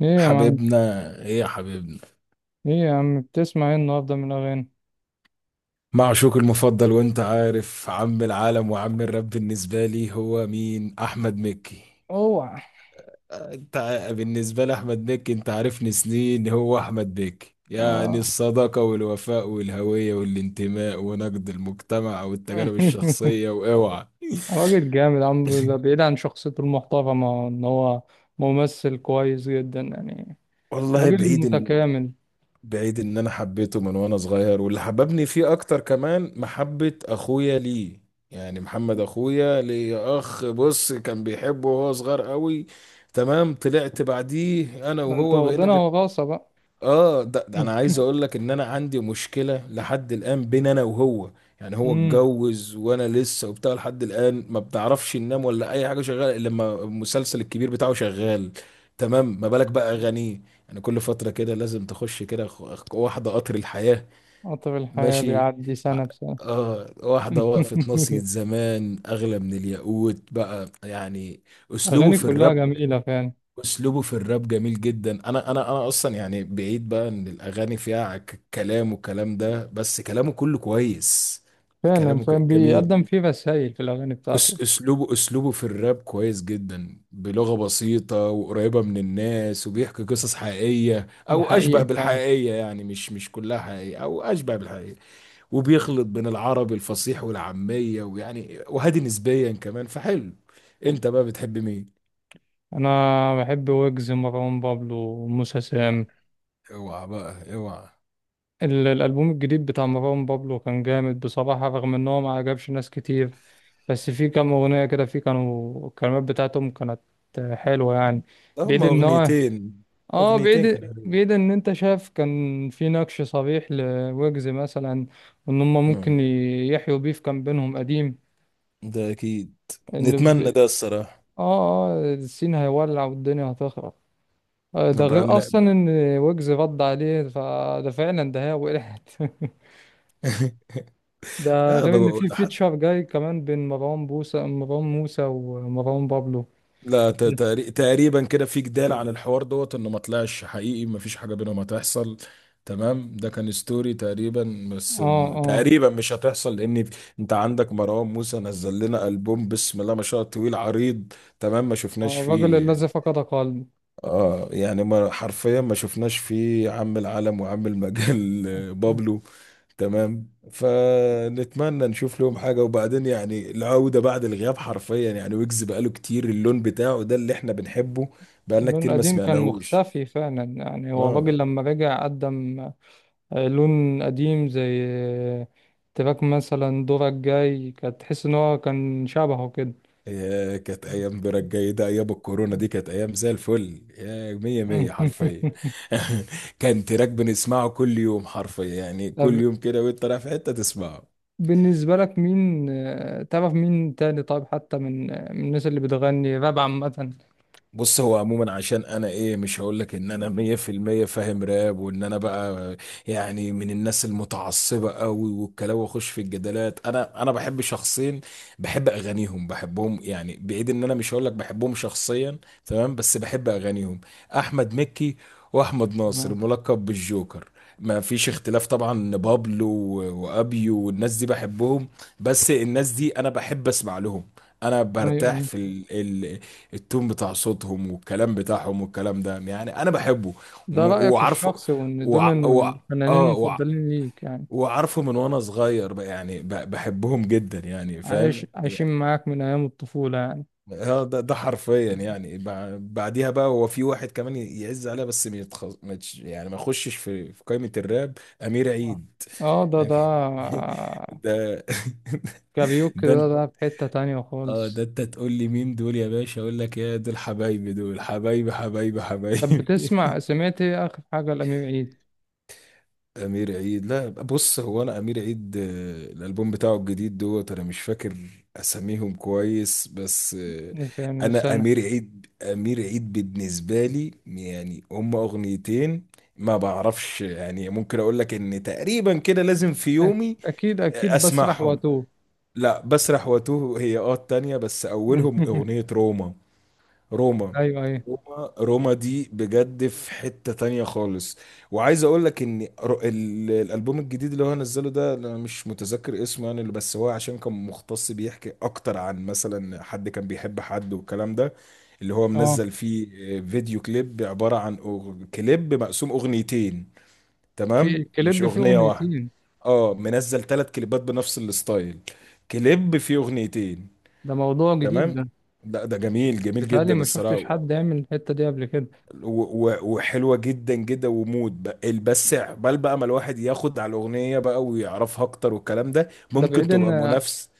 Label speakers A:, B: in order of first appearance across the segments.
A: ايه يا معلم؟
B: حبيبنا. ايه يا حبيبنا؟
A: ايه يا عم، بتسمع ايه النهارده من الاغاني؟
B: معشوق المفضل، وانت عارف عم العالم وعم الرب بالنسبة لي هو مين؟ احمد مكي.
A: اوعى.
B: بالنسبة لاحمد مكي، انت عارفني سنين، هو احمد مكي يعني
A: اه.
B: الصداقة والوفاء والهوية والانتماء ونقد المجتمع والتجارب الشخصية. واوعى.
A: راجل جامد. عم ده بعيد عن شخصيته المحترمه ان هو ممثل كويس جدا يعني.
B: والله
A: راجل
B: بعيد،
A: متكامل.
B: بعيد ان انا حبيته من وانا صغير، واللي حببني فيه اكتر كمان محبة اخويا ليه. يعني محمد اخويا ليه اخ، بص كان بيحبه وهو صغير قوي. تمام، طلعت بعديه انا
A: ده انت
B: وهو بقينا.
A: واخدينها وراثه بقى.
B: اه ده انا عايز اقول لك ان انا عندي مشكله لحد الان بين انا وهو. يعني هو
A: امم
B: اتجوز وانا لسه وبتاع، لحد الان ما بنعرفش ننام ولا اي حاجه، شغاله الا لما المسلسل الكبير بتاعه شغال. تمام، ما بالك بقى اغانيه. يعني كل فتره كده لازم تخش كده واحده قطر الحياه.
A: قطر الحياه
B: ماشي.
A: بيعدي سنه بسنه.
B: اه، واحده وقفت ناصية زمان اغلى من الياقوت بقى يعني. اسلوبه
A: اغاني
B: في
A: كلها
B: الراب
A: جميله فعلا
B: اسلوبه في الراب جميل جدا. انا اصلا يعني بعيد بقى ان الاغاني فيها كلام، والكلام ده بس كلامه كله كويس.
A: فعلا
B: كلامه
A: فعلا
B: جميل.
A: بيقدم فيه رسائل في الاغاني بتاعته.
B: اسلوبه اسلوبه في الراب كويس جدا، بلغة بسيطة وقريبة من الناس، وبيحكي قصص حقيقية
A: ده
B: او اشبه
A: حقيقي فعلا.
B: بالحقيقية. يعني مش كلها حقيقية او اشبه بالحقيقية. وبيخلط بين العربي الفصيح والعامية، ويعني وهادي نسبيا كمان، فحلو. انت بقى بتحب مين؟
A: انا بحب ويجز، مروان بابلو، وموسى سام.
B: اوعى بقى اوعى.
A: الألبوم الجديد بتاع مروان بابلو كان جامد بصراحة، رغم إن هو ما عجبش ناس كتير. بس في كام أغنية كده في، كانوا الكلمات بتاعتهم كانت حلوة يعني. بعيد
B: هما
A: إن هو،
B: أغنيتين. أغنيتين كانوا
A: بعيد،
B: حلوين.
A: بعيد، إن أنت شايف كان في نقش صريح لويجز مثلا. وإن هما
B: أمم،
A: ممكن يحيوا بيف كان بينهم قديم.
B: ده أكيد،
A: إن ب...
B: نتمنى ده الصراحة.
A: آه، السين هيولع والدنيا هتخرب. آه، ده
B: نبقى
A: غير
B: لنا-
A: أصلا إن ويجز رد عليه، فده فعلا ده هي وقعت. ده
B: لا
A: غير ان
B: بقول
A: في
B: حد.
A: فيتشر جاي كمان بين مروان بوسى، مروان موسى ومروان بابلو.
B: لا تقريبا كده في جدال عن الحوار دوت، انه ما طلعش حقيقي، ما فيش حاجه بينهم هتحصل. تمام، ده كان ستوري تقريبا، بس
A: اه اه
B: تقريبا مش هتحصل، لان انت عندك مروان موسى نزل لنا البوم بسم الله ما شاء الله طويل عريض. تمام، ما شفناش
A: آه، الراجل
B: فيه.
A: الذي فقد قلبه.
B: اه يعني، ما حرفيا ما شفناش فيه عم العالم وعم المجال. بابلو. تمام، فنتمنى نشوف لهم حاجة، وبعدين يعني العودة بعد الغياب حرفيا، يعني ويجز بقاله كتير اللون بتاعه ده اللي احنا بنحبه. بقالنا
A: لون
B: كتير ما
A: قديم كان
B: سمعناهوش.
A: مختفي فعلا، يعني هو
B: اه،
A: الراجل لما رجع قدم آه، لون قديم، زي آه، تراك مثلا دورك جاي، كانت تحس ان هو كان شبهه كده.
B: يا كانت ايام برك جيدة، ايام الكورونا دي كانت ايام زي الفل، يا مية مية حرفيا. كان تراك بنسمعه كل يوم حرفيا، يعني كل
A: طب
B: يوم كده، وانت رايح في حتة تسمعه.
A: بالنسبة لك مين آه، تعرف مين تاني طيب، حتى من آه، من الناس اللي بتغني راب عامة؟
B: بص هو عموما، عشان انا ايه، مش هقول لك ان انا مية في المية فاهم راب، وان انا بقى يعني من الناس المتعصبة قوي والكلام واخش في الجدالات. انا بحب شخصين، بحب اغانيهم، بحبهم، يعني بعيد ان انا مش هقول لك بحبهم شخصيا، تمام، بس بحب اغانيهم: احمد مكي، واحمد ناصر
A: آه.
B: ملقب بالجوكر. ما فيش اختلاف طبعا إن بابلو و- وابيو والناس دي بحبهم، بس الناس دي انا بحب اسمع لهم. انا برتاح
A: ايوه.
B: في التون بتاع صوتهم والكلام بتاعهم والكلام ده، يعني انا بحبه.
A: ده
B: و-
A: رأيك
B: وعارفه
A: الشخصي، وإن دول
B: وع... وع...
A: الفنانين
B: اه وع...
A: المفضلين ليك يعني.
B: وعارفه من وانا صغير بقى، يعني بحبهم جدا، يعني فاهم
A: عايش، عايشين
B: يعني.
A: معاك من أيام الطفولة يعني.
B: اه ده حرفيا، يعني بعديها بقى هو في واحد كمان يعز عليها، بس ما يتخ... ما يتش- يعني ما يخشش في قائمة الراب، أمير
A: آه.
B: عيد.
A: آه، ده
B: يعني
A: ده
B: ده
A: كاريوكي،
B: ده انت.
A: ده ده في حتة تانية
B: اه، ده
A: خالص.
B: انت تقول لي مين دول يا باشا، اقول لك يا دول حبايبي، دول حبايبي، حبايبي،
A: طب
B: حبايبي.
A: بتسمع، سمعت إيه آخر حاجة لأمير عيد؟
B: امير عيد، لا بص، هو انا، امير عيد الالبوم بتاعه الجديد دوت، انا مش فاكر اساميهم كويس، بس
A: يعني من
B: انا
A: سنة؟
B: امير عيد، امير عيد بالنسبه لي يعني هما اغنيتين. ما بعرفش، يعني ممكن اقول لك ان تقريبا كده لازم في
A: أك-
B: يومي
A: أكيد، أكيد بسرح
B: اسمعهم.
A: وأتوه.
B: لا بسرح واتوه هي التانية، بس اولهم اغنيه روما. روما.
A: أيوه، أيوه.
B: روما، روما دي بجد في حتة تانية خالص. وعايز اقول لك ان الالبوم الجديد اللي هو نزله ده انا مش متذكر اسمه، يعني اللي بس هو عشان كان مختص بيحكي اكتر عن مثلا حد كان بيحب حد والكلام ده، اللي هو
A: آه،
B: منزل فيه فيديو كليب عبارة عن كليب مقسوم اغنيتين.
A: في
B: تمام، مش
A: الكليب فيه
B: اغنية واحدة.
A: أغنيتين؟
B: اه، منزل ثلاث كليبات بنفس الستايل، كليب فيه اغنيتين.
A: ده موضوع جديد
B: تمام.
A: ده،
B: لا ده جميل، جميل
A: بيتهيألي
B: جدا
A: ما
B: الصراحة.
A: شفتش حد يعمل الحتة دي قبل كده.
B: و- و- وحلوه جدا جدا ومود بس عقبال بقى ما الواحد ياخد على الاغنيه بقى ويعرفها اكتر والكلام ده،
A: ده
B: ممكن
A: بعيد إن،
B: تبقى منافس.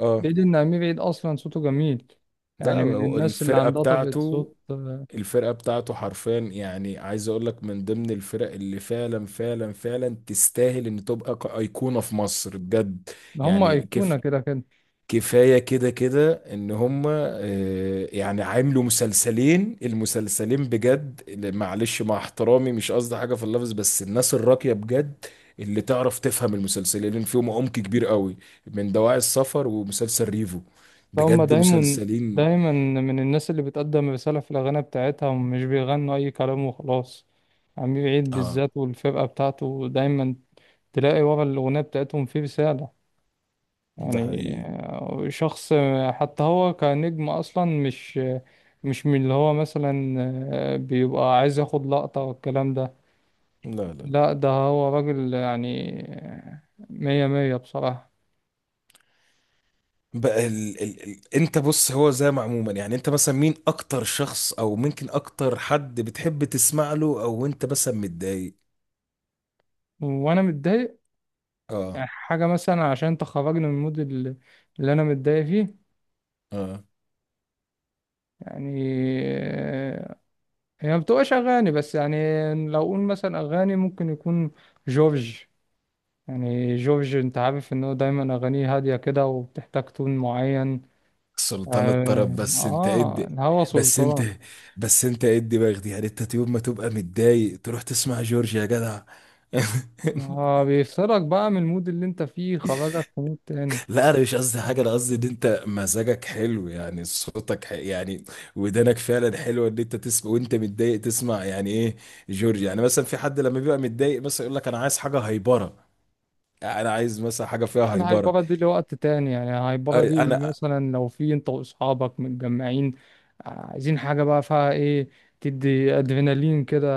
B: اه،
A: بعيد ان امير عيد اصلا صوته جميل،
B: ده
A: يعني من
B: هو
A: الناس اللي
B: الفرقه
A: عندها طبقة
B: بتاعته.
A: صوت آه،
B: الفرقه بتاعته حرفيا يعني، عايز اقول لك من ضمن الفرق اللي فعلا فعلا فعلا تستاهل ان تبقى ايقونه في مصر بجد.
A: هم
B: يعني
A: ايقونة
B: كيف،
A: كده كده.
B: كفاية كده كده ان هم يعني عاملوا مسلسلين. المسلسلين بجد معلش مع احترامي، مش قصدي حاجة في اللفظ، بس الناس الراقية بجد اللي تعرف تفهم، المسلسلين فيهم عمق كبير قوي، من دواعي السفر ومسلسل ريفو،
A: فهم
B: بجد
A: دايما،
B: مسلسلين.
A: دايما من الناس اللي بتقدم رسالة في الاغاني بتاعتها، ومش بيغنوا اي كلام وخلاص. امير عيد
B: اه
A: بالذات والفرقة بتاعته دايما تلاقي ورا الاغنية بتاعتهم في رسالة
B: ده
A: يعني.
B: حقيقي.
A: آه، شخص آه، حتى هو كنجم اصلا مش، مش من اللي هو مثلا آه، بيبقى عايز ياخد لقطة والكلام ده.
B: لا لا لا.
A: لا، ده هو راجل يعني مية مية بصراحة.
B: بقى انت بص، هو زي ما عموما يعني انت مثلا مين اكتر شخص او ممكن اكتر حد بتحب تسمع له، او انت مثلا متضايق.
A: وأنا متضايق
B: اه
A: يعني، حاجة مثلا عشان تخرجني من المود اللي، اللي أنا متضايق فيه
B: اه.
A: يعني آه، هي ما بتبقاش أغاني بس يعني. لو أقول مثلا أغاني، ممكن يكون جورج. يعني جورج، أنت عارف إن هو دايما أغانيه هادية كده وبتحتاج تون معين.
B: سلطان الطرب،
A: آه،
B: بس انت
A: آه،
B: ادي.
A: الهوى
B: بس انت
A: سلطان.
B: بس انت ادي باخدي، يعني انت يوم ما تبقى متضايق تروح تسمع جورج يا جدع.
A: آه، بيفصلك بقى من المود اللي أنت فيه، خرجك في مود تاني.
B: لا انا مش قصدي حاجه، انا قصدي ان انت مزاجك حلو، يعني صوتك يعني ودانك فعلا حلوه ان انت تسمع، وانت متضايق تسمع يعني ايه جورج. يعني مثلا في حد لما بيبقى متضايق مثلا يقول لك انا عايز حاجه هايبره، يعني انا عايز مثلا حاجه
A: لا،
B: فيها
A: انا
B: هايبره.
A: هايبره دي لوقت تاني، يعني هايبره دي
B: انا
A: مثلا لو في انت واصحابك متجمعين، آه، عايزين حاجه بقى فيها ايه، تدي ادرينالين كده.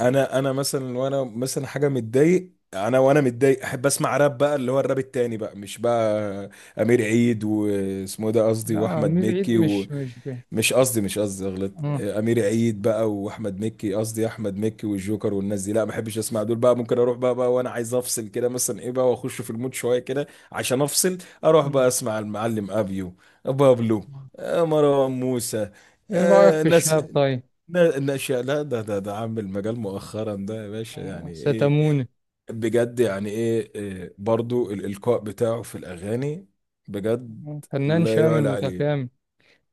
B: انا مثلا، وانا مثلا حاجه متضايق، انا وانا متضايق احب اسمع راب بقى، اللي هو الراب التاني بقى، مش بقى امير عيد واسمه إيه ده قصدي،
A: لا مي
B: واحمد
A: بعيد
B: مكي
A: مش مش فيه.
B: مش قصدي، مش قصدي غلط،
A: اه.
B: امير عيد بقى واحمد مكي، قصدي احمد مكي والجوكر والناس دي، لا ما بحبش اسمع دول بقى، ممكن اروح بقى وانا عايز افصل كده مثلا ايه بقى، واخش في المود شويه كده عشان افصل، اروح بقى اسمع المعلم ابيو، بابلو، مروان موسى.
A: ايه رايك في
B: ناس
A: الشاب طيب؟
B: ناشئ، لا ده عامل المجال مؤخرا ده يا باشا،
A: آه،
B: يعني ايه،
A: ستاموني.
B: بجد يعني ايه إيه، برضو الإلقاء بتاعه في الأغاني بجد،
A: آه، فنان
B: لا
A: شامل
B: يعلى عليه.
A: متكامل.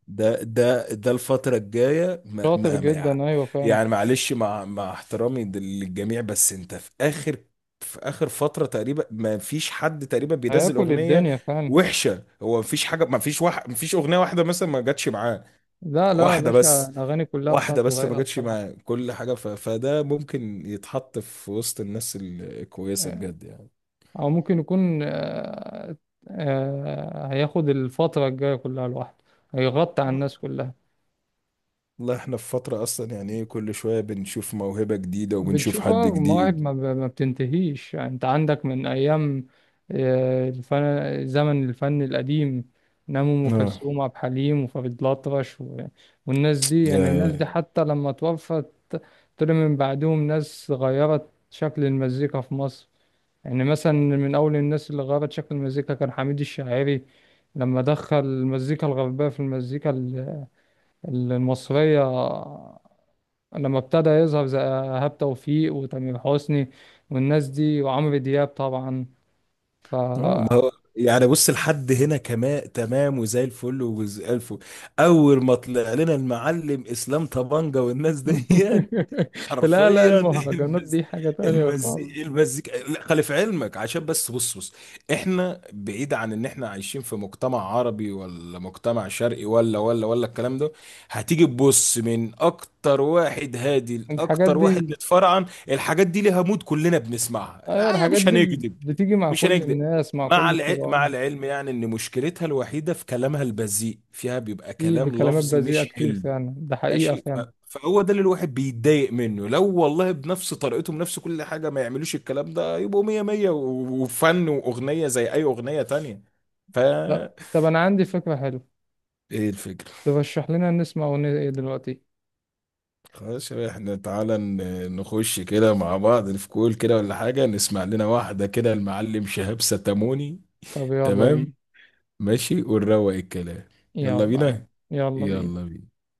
B: ده الفترة الجاية، ما
A: شاطر
B: ما ما
A: جدا، ايوه فعلا.
B: يعني معلش، مع احترامي للجميع، بس انت في اخر فترة تقريبا ما فيش حد تقريبا بينزل
A: هياكل
B: اغنية
A: الدنيا فعلا.
B: وحشة، هو ما فيش حاجة، ما فيش واحد، ما فيش اغنية واحدة مثلا ما جاتش معاه.
A: لا لا يا
B: واحدة
A: باشا،
B: بس،
A: الاغاني كلها
B: واحدة
A: بتاعته
B: بس ما
A: رايقه
B: جاتش
A: بصراحه.
B: معاه كل حاجة، فده ممكن يتحط في وسط الناس الكويسة بجد يعني.
A: او ممكن يكون آه، آه، هياخد الفترة الجاية كلها لوحده، هيغطي على الناس كلها.
B: والله احنا في فترة اصلا، يعني ايه، كل شوية بنشوف موهبة جديدة وبنشوف
A: بتشوف
B: حد
A: اه مواهب
B: جديد.
A: ما ما بتنتهيش، يعني انت عندك من ايام آه، الفن، زمن الفن القديم، نعم ام
B: اه
A: كلثوم وعبد الحليم وفريد الأطرش و... والناس دي، يعني الناس
B: يا
A: دي حتى لما توفت طلع من بعدهم ناس غيرت شكل المزيكا في مصر. يعني مثلا من أول الناس اللي غيرت شكل المزيكا كان حميد الشاعري، لما دخل المزيكا الغربية في المزيكا المصرية. لما ابتدى يظهر زي إيهاب توفيق وتامر حسني والناس دي وعمرو دياب طبعا، ف...
B: آه، ما هو يعني بص، لحد هنا كمان تمام، وزي الفل وزي الفل. اول ما طلع لنا المعلم اسلام طبنجة والناس ديت
A: لا لا،
B: حرفيا.
A: المهرجانات دي حاجة تانية خالص.
B: المزيكا لا، خلي في علمك، عشان بس بص بص. احنا بعيد عن ان احنا عايشين في مجتمع عربي ولا مجتمع شرقي، ولا الكلام ده. هتيجي تبص من اكتر واحد هادي
A: الحاجات
B: لاكتر واحد
A: دي،
B: متفرعن، الحاجات دي ليها مود، كلنا بنسمعها،
A: أيوة
B: يعني
A: الحاجات
B: مش
A: دي
B: هنكذب.
A: بتيجي مع
B: مش
A: كل
B: هنكذب،
A: الناس، مع كل
B: مع مع
A: الطبقات.
B: العلم يعني ان مشكلتها الوحيدة في كلامها البذيء، فيها بيبقى
A: في
B: كلام
A: بكلمات
B: لفظي
A: بذيئة
B: مش
A: كتير
B: حلو،
A: فعلا، ده حقيقة
B: ماشي.
A: فعلا.
B: فهو ده اللي الواحد بيتضايق منه، لو والله بنفس طريقته بنفس كل حاجة ما يعملوش الكلام ده، يبقوا مية مية وفن، وأغنية زي أي أغنية تانية. ف
A: لا طب أنا عندي فكرة حلوة.
B: ايه الفكرة؟
A: ترشح لنا نسمع أغنية إيه دلوقتي؟
B: خلاص يا باشا، احنا تعالى نخش كده مع بعض في كول كده ولا حاجة، نسمع لنا واحدة كده المعلم شهاب ستاموني.
A: طب يلا
B: تمام،
A: بينا.
B: ماشي، ونروق الكلام. يلا
A: يلا،
B: بينا،
A: يلا بينا.
B: يلا بينا.